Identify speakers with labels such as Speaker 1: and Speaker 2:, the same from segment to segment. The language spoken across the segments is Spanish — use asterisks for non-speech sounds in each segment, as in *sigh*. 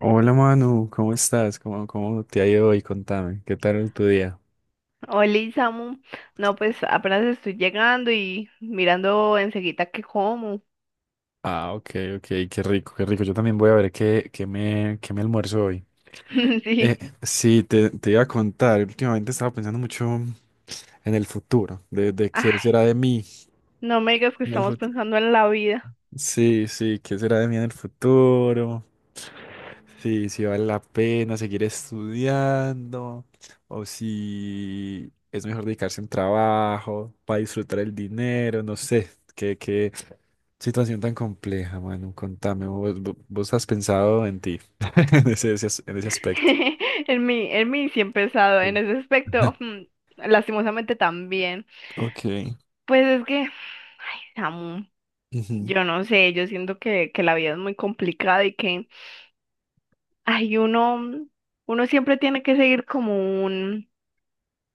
Speaker 1: Hola Manu, ¿cómo estás? ¿Cómo te ha ido hoy? Contame, ¿qué tal tu día?
Speaker 2: Oli, Samu. No, pues apenas estoy llegando y mirando enseguida qué como.
Speaker 1: Ah, ok, ok, qué rico, qué rico. Yo también voy a ver qué me almuerzo hoy.
Speaker 2: *laughs* Sí.
Speaker 1: Eh, sí, te iba a contar, últimamente estaba pensando mucho en el futuro, de qué
Speaker 2: Ay,
Speaker 1: será de mí
Speaker 2: no me digas que
Speaker 1: en el
Speaker 2: estamos
Speaker 1: futuro.
Speaker 2: pensando en la vida.
Speaker 1: Sí, sí, qué será de mí en el futuro, sí, si vale la pena seguir estudiando o si es mejor dedicarse a un trabajo para disfrutar el dinero, no sé, qué situación tan compleja, Manu. Contame, vos has pensado en ti, *laughs* en ese aspecto.
Speaker 2: *laughs* En mí sí he pensado en
Speaker 1: Sí.
Speaker 2: ese aspecto.
Speaker 1: *laughs*
Speaker 2: Lastimosamente también.
Speaker 1: Ok.
Speaker 2: Pues es que, Samu,
Speaker 1: Ujú,
Speaker 2: yo no sé, yo siento que la vida es muy complicada y que, ay, uno siempre tiene que seguir como un,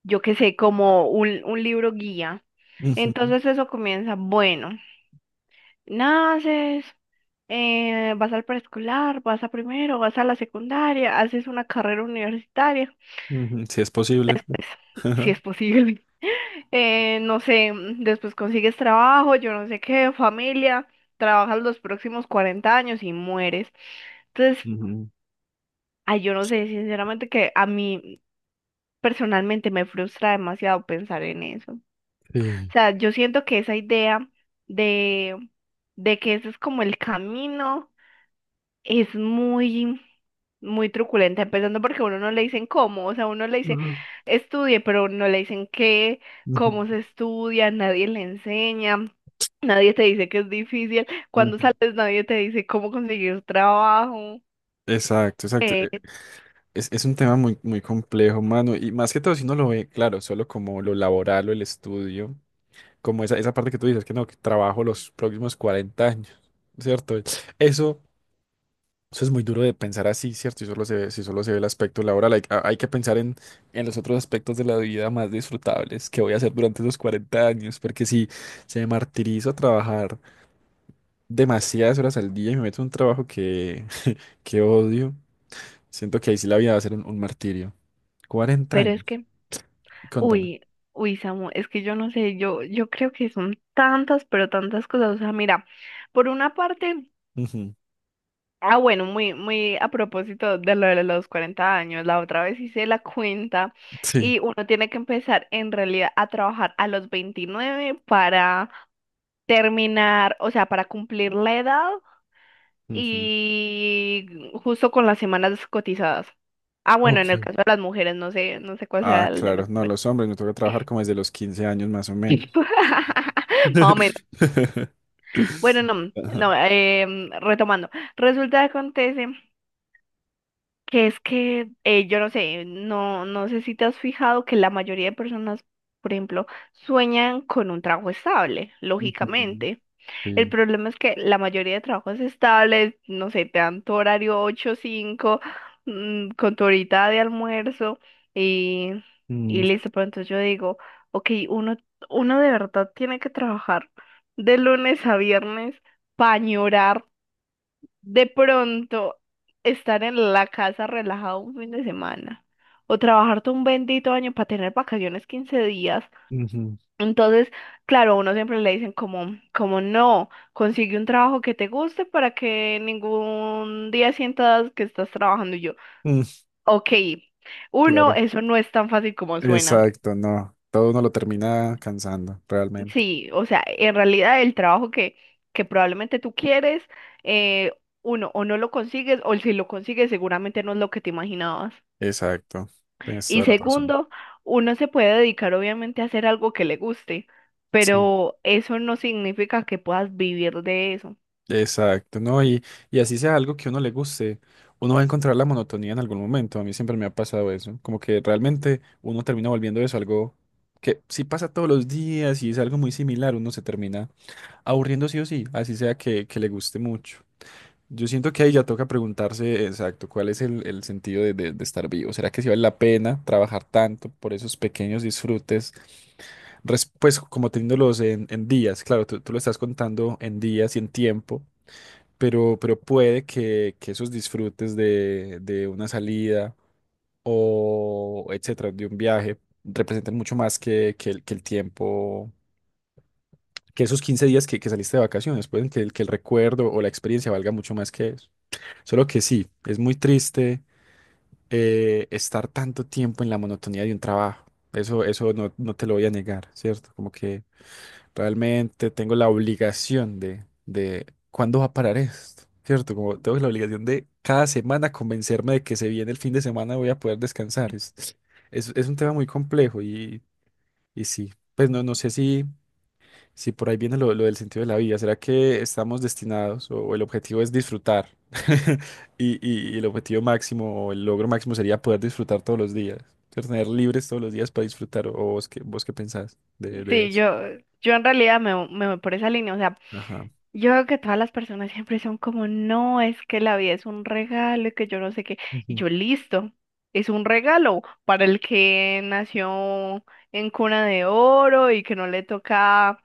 Speaker 2: yo qué sé, como un libro guía.
Speaker 1: ujú,
Speaker 2: Entonces eso comienza, bueno. Naces, vas al preescolar, vas a primero, vas a la secundaria, haces una carrera universitaria,
Speaker 1: ujú. Si es posible.
Speaker 2: pues, *laughs* si
Speaker 1: Ajá.
Speaker 2: es posible. *laughs* No sé, después consigues trabajo, yo no sé qué, familia, trabajas los próximos 40 años y mueres. Entonces,
Speaker 1: *laughs* Ujú.
Speaker 2: ay, yo no sé, sinceramente que a mí personalmente me frustra demasiado pensar en eso. O
Speaker 1: Sí.
Speaker 2: sea, yo siento que esa idea de, de que ese es como el camino es muy, muy truculenta, empezando porque a uno no le dicen cómo, o sea, uno le dice
Speaker 1: Ujú,
Speaker 2: estudie, pero no le dicen qué,
Speaker 1: ujú,
Speaker 2: cómo se estudia, nadie le enseña, nadie te dice que es difícil, cuando
Speaker 1: ujú.
Speaker 2: sales nadie te dice cómo conseguir trabajo,
Speaker 1: Exacto, exacto.
Speaker 2: eh,
Speaker 1: Es un tema muy, muy complejo, mano. Y más que todo, si uno lo ve, claro, solo como lo laboral o el estudio, como esa parte que tú dices, que no, que trabajo los próximos 40 años, ¿cierto? Eso. Eso es muy duro de pensar así, ¿cierto? Y solo se ve, si solo se ve el aspecto laboral, hay que pensar en los otros aspectos de la vida más disfrutables que voy a hacer durante esos 40 años, porque si se martirizo a trabajar demasiadas horas al día y me meto en un trabajo que, *laughs* que odio, siento que ahí sí la vida va a ser un martirio. cuarenta
Speaker 2: pero es
Speaker 1: años,
Speaker 2: que,
Speaker 1: contame.
Speaker 2: uy, uy, Samu, es que yo no sé, yo creo que son tantas, pero tantas cosas, o sea, mira, por una parte...
Speaker 1: Ujú.
Speaker 2: Ah, bueno, muy, muy a propósito de lo de los 40 años, la otra vez hice la cuenta
Speaker 1: Sí.
Speaker 2: y uno tiene que empezar en realidad a trabajar a los 29 para terminar, o sea, para cumplir la edad
Speaker 1: Ujú.
Speaker 2: y justo con las semanas cotizadas. Ah, bueno, en
Speaker 1: Ok.
Speaker 2: el caso de las mujeres, no sé, no sé cuál sea
Speaker 1: Ah,
Speaker 2: el de
Speaker 1: claro,
Speaker 2: los
Speaker 1: no,
Speaker 2: hombres.
Speaker 1: los hombres me toca trabajar como desde los 15 años más o menos.
Speaker 2: *laughs* Más o menos.
Speaker 1: *laughs*
Speaker 2: Bueno, no,
Speaker 1: Ajá.
Speaker 2: no, retomando. Resulta que acontece. Que es que, yo no sé, no, no sé si te has fijado que la mayoría de personas, por ejemplo, sueñan con un trabajo estable,
Speaker 1: Ujú.
Speaker 2: lógicamente. El
Speaker 1: Sí.
Speaker 2: problema es que la mayoría de trabajos estables, no sé, te dan tu horario ocho cinco, con tu horita de almuerzo y,
Speaker 1: Mm,
Speaker 2: y listo. Pero entonces yo digo, ok, uno de verdad tiene que trabajar de lunes a viernes para de pronto estar en la casa relajado un fin de semana o trabajar todo un bendito año para tener vacaciones 15 días.
Speaker 1: ujú,
Speaker 2: Entonces, claro, a uno siempre le dicen como, como no, consigue un trabajo que te guste para que ningún día sientas que estás trabajando. Y yo,
Speaker 1: mm,
Speaker 2: ok, uno,
Speaker 1: claro.
Speaker 2: eso no es tan fácil como suena.
Speaker 1: Exacto, no. Todo uno lo termina cansando, realmente.
Speaker 2: Sí, o sea, en realidad el trabajo que probablemente tú quieres, eh, uno, o no lo consigues, o si lo consigues, seguramente no es lo que te imaginabas.
Speaker 1: Exacto. Tienes
Speaker 2: Y
Speaker 1: toda la razón.
Speaker 2: segundo, uno se puede dedicar obviamente a hacer algo que le guste,
Speaker 1: Sí.
Speaker 2: pero eso no significa que puedas vivir de eso.
Speaker 1: Exacto, ¿no? Y así sea algo que a uno le guste, uno va a encontrar la monotonía en algún momento. A mí siempre me ha pasado eso. Como que realmente uno termina volviendo eso algo que si pasa todos los días y es algo muy similar, uno se termina aburriendo sí o sí, así sea que le guste mucho. Yo siento que ahí ya toca preguntarse exacto cuál es el sentido de estar vivo. ¿Será que si vale la pena trabajar tanto por esos pequeños disfrutes? Pues como teniéndolos en días, claro, tú lo estás contando en días y en tiempo, pero puede que esos disfrutes de una salida o etcétera, de un viaje, representen mucho más que el tiempo, que esos 15 días que saliste de vacaciones. Pueden que el recuerdo o la experiencia valga mucho más que eso. Solo que sí, es muy triste estar tanto tiempo en la monotonía de un trabajo. Eso no te lo voy a negar, ¿cierto? Como que realmente tengo la obligación de ¿cuándo va a parar esto? ¿Cierto? Como tengo la obligación de cada semana convencerme de que se viene el fin de semana voy a poder descansar. Es un tema muy complejo y sí, pues no sé si... Sí, por ahí viene lo del sentido de la vida. ¿Será que estamos destinados o el objetivo es disfrutar? *laughs* Y el objetivo máximo o el logro máximo sería poder disfrutar todos los días, ser tener libres todos los días para disfrutar. ¿O vos qué pensás de
Speaker 2: Sí,
Speaker 1: eso?
Speaker 2: yo en realidad me voy por esa línea. O sea,
Speaker 1: Ajá.
Speaker 2: yo veo que todas las personas siempre son como, no, es que la vida es un regalo y que yo no sé qué. Y
Speaker 1: Ujú,
Speaker 2: yo, listo, es un regalo para el que nació en cuna de oro y que no le toca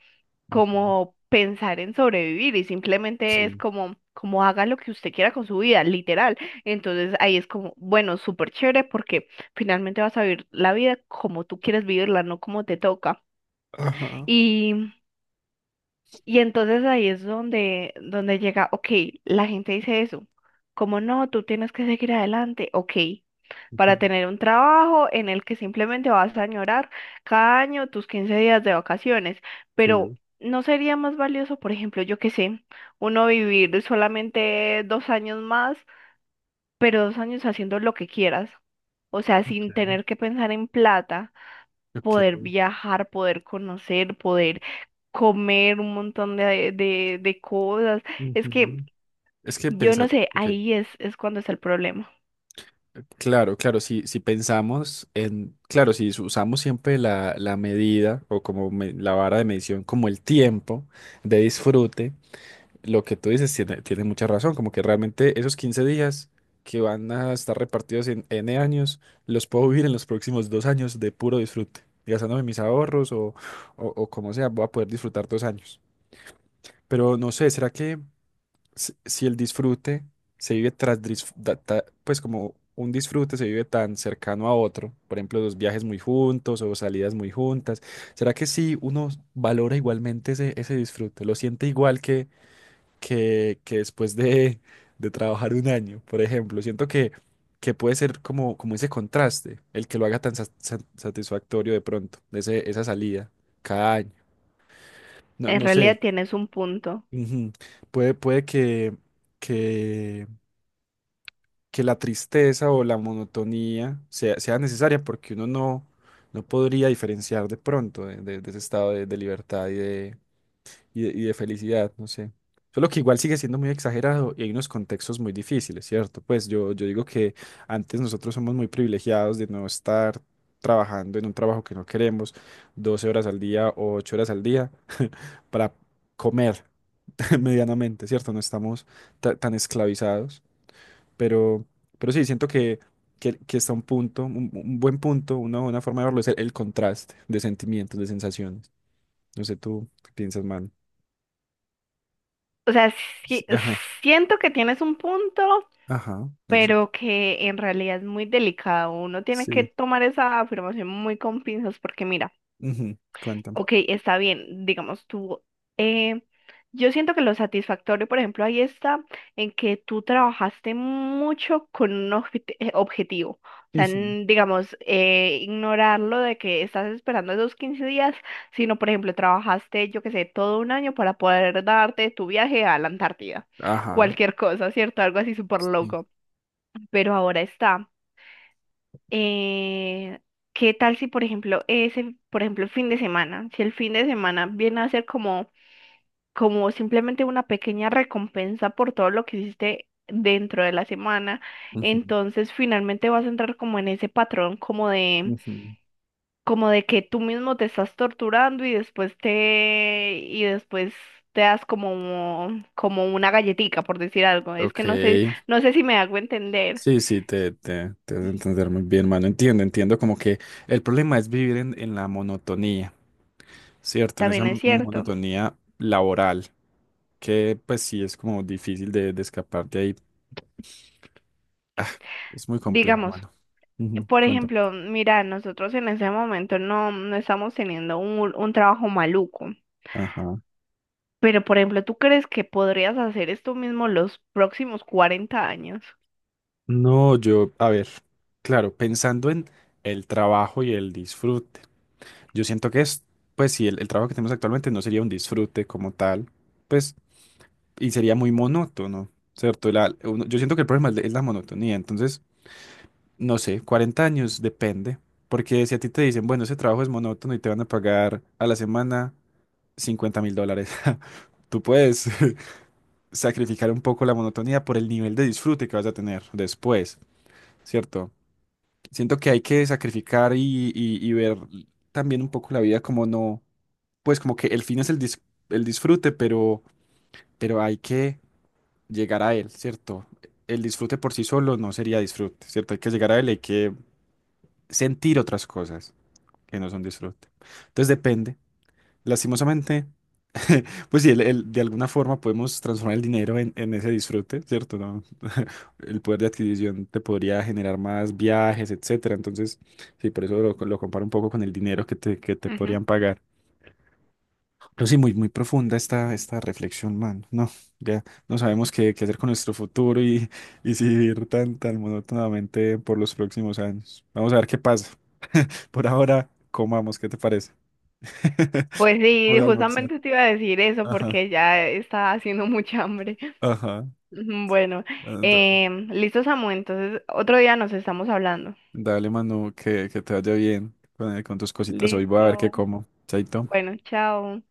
Speaker 1: ujú.
Speaker 2: como pensar en sobrevivir y simplemente es
Speaker 1: Sí.
Speaker 2: como, como haga lo que usted quiera con su vida, literal. Entonces ahí es como, bueno, súper chévere porque finalmente vas a vivir la vida como tú quieres vivirla, no como te toca.
Speaker 1: Ajá.
Speaker 2: Y entonces ahí es donde, llega, ok, la gente dice eso, como no, tú tienes que seguir adelante, ok,
Speaker 1: Ujú.
Speaker 2: para tener un trabajo en el que simplemente vas a añorar cada año tus 15 días de vacaciones, pero
Speaker 1: Sí.
Speaker 2: ¿no sería más valioso, por ejemplo, yo qué sé, uno vivir solamente 2 años más, pero 2 años haciendo lo que quieras, o sea, sin
Speaker 1: Ok.
Speaker 2: tener que pensar en plata? Poder
Speaker 1: Ok.
Speaker 2: viajar, poder conocer, poder comer un montón de cosas. Es que
Speaker 1: Ujú. Es que
Speaker 2: yo no
Speaker 1: pensar,
Speaker 2: sé,
Speaker 1: ok.
Speaker 2: ahí es cuando está el problema.
Speaker 1: Claro, claro, si pensamos en, claro, si usamos siempre la medida o la vara de medición como el tiempo de disfrute, lo que tú dices tiene mucha razón, como que realmente esos 15 días que van a estar repartidos en N años, los puedo vivir en los próximos 2 años de puro disfrute, gastándome mis ahorros o como sea, voy a poder disfrutar 2 años. Pero no sé, ¿será que si el disfrute se vive tras, disf- da- ta- pues como un disfrute se vive tan cercano a otro, por ejemplo, los viajes muy juntos o salidas muy juntas, ¿será que sí uno valora igualmente ese disfrute? ¿Lo siente igual que después de trabajar un año, por ejemplo? Siento que puede ser como ese contraste, el que lo haga tan satisfactorio de pronto, ese, esa salida cada año. No,
Speaker 2: En
Speaker 1: no sé.
Speaker 2: realidad tienes un punto.
Speaker 1: Ujú. Puede que que la tristeza o la monotonía sea necesaria porque uno no podría diferenciar de pronto de ese estado de libertad y de felicidad, no sé. Solo que igual sigue siendo muy exagerado y hay unos contextos muy difíciles, ¿cierto? Pues yo digo que antes nosotros somos muy privilegiados de no estar trabajando en un trabajo que no queremos 12 horas al día o 8 horas al día *laughs* para comer *laughs* medianamente, ¿cierto? No estamos tan esclavizados. Pero, pero sí, siento que está un punto, un buen punto, una buena forma de verlo es el contraste de sentimientos, de sensaciones. No sé, tú qué piensas, man.
Speaker 2: O sea,
Speaker 1: Sí,
Speaker 2: sí-
Speaker 1: ajá,
Speaker 2: siento que tienes un punto,
Speaker 1: ajá. es-
Speaker 2: pero que en realidad es muy delicado. Uno tiene que
Speaker 1: Sí.
Speaker 2: tomar esa afirmación muy con pinzas porque mira,
Speaker 1: Ujú, cuéntame.
Speaker 2: ok, está bien, digamos tú. eh, yo siento que lo satisfactorio, por ejemplo, ahí está en que tú trabajaste mucho con un objetivo. O sea,
Speaker 1: Ujú,
Speaker 2: digamos, ignorar lo de que estás esperando esos 15 días, sino, por ejemplo, trabajaste, yo qué sé, todo un año para poder darte tu viaje a la Antártida.
Speaker 1: ajá.
Speaker 2: Cualquier cosa, ¿cierto? Algo así súper
Speaker 1: Sí.
Speaker 2: loco. Pero ahora está, eh, ¿qué tal si, por ejemplo, ese, por ejemplo, el fin de semana, si el fin de semana viene a ser como, como simplemente una pequeña recompensa por todo lo que hiciste dentro de la semana, entonces finalmente vas a entrar como en ese patrón, como de,
Speaker 1: Ujú, ujú.
Speaker 2: como de que tú mismo te estás torturando y después te das como, como una galletica, por decir algo. Es que
Speaker 1: Ok.
Speaker 2: no sé, no sé si me hago entender.
Speaker 1: Sí, sí, te vas a entender muy bien, mano. Entiendo, entiendo como que el problema es vivir en la monotonía, ¿cierto? En esa
Speaker 2: También es cierto.
Speaker 1: monotonía laboral, que pues sí es como difícil de escapar de ahí. Ah, es muy complejo,
Speaker 2: Digamos.
Speaker 1: mano. Ujú,
Speaker 2: Por
Speaker 1: cuéntame.
Speaker 2: ejemplo, mira, nosotros en ese momento no, no estamos teniendo un trabajo maluco,
Speaker 1: Ajá.
Speaker 2: pero por ejemplo, ¿tú crees que podrías hacer esto mismo los próximos 40 años?
Speaker 1: No, yo, a ver, claro, pensando en el trabajo y el disfrute. Yo siento que es, pues sí, el trabajo que tenemos actualmente no sería un disfrute como tal. Pues y sería muy monótono, ¿cierto? Yo siento que el problema es la monotonía, entonces, no sé, 40 años depende, porque si a ti te dicen, bueno, ese trabajo es monótono y te van a pagar a la semana $50.000, *laughs* tú puedes *laughs* sacrificar un poco la monotonía por el nivel de disfrute que vas a tener después, ¿cierto? Siento que hay que sacrificar y ver también un poco la vida como no, pues como que el fin es el disfrute, pero hay que... llegar a él, ¿cierto? El disfrute por sí solo no sería disfrute, ¿cierto? Hay que llegar a él, hay que sentir otras cosas que no son disfrute. Entonces depende. Lastimosamente, *laughs* pues sí, de alguna forma podemos transformar el dinero en ese disfrute, ¿cierto? ¿No? *laughs* El poder de adquisición te podría generar más viajes, etcétera. Entonces, sí, por eso lo comparo un poco con el dinero que te
Speaker 2: Ujú.
Speaker 1: podrían pagar. Pero sí, muy, muy profunda esta reflexión, man. No, ya no sabemos qué hacer con nuestro futuro y si vivir tan, tan monótonamente por los próximos años. Vamos a ver qué pasa. Por ahora, comamos, ¿qué te parece? *laughs*
Speaker 2: Pues sí,
Speaker 1: Por almorzar.
Speaker 2: justamente te iba a decir eso
Speaker 1: Ajá,
Speaker 2: porque ya está haciendo mucha hambre. *laughs*
Speaker 1: ajá.
Speaker 2: Bueno,
Speaker 1: Ah, dale,
Speaker 2: listo, Samu, entonces otro día nos estamos hablando.
Speaker 1: dale, Manu, que te vaya bien con tus cositas. Hoy voy a ver qué
Speaker 2: Listo,
Speaker 1: como. Chaito.
Speaker 2: bueno, chao.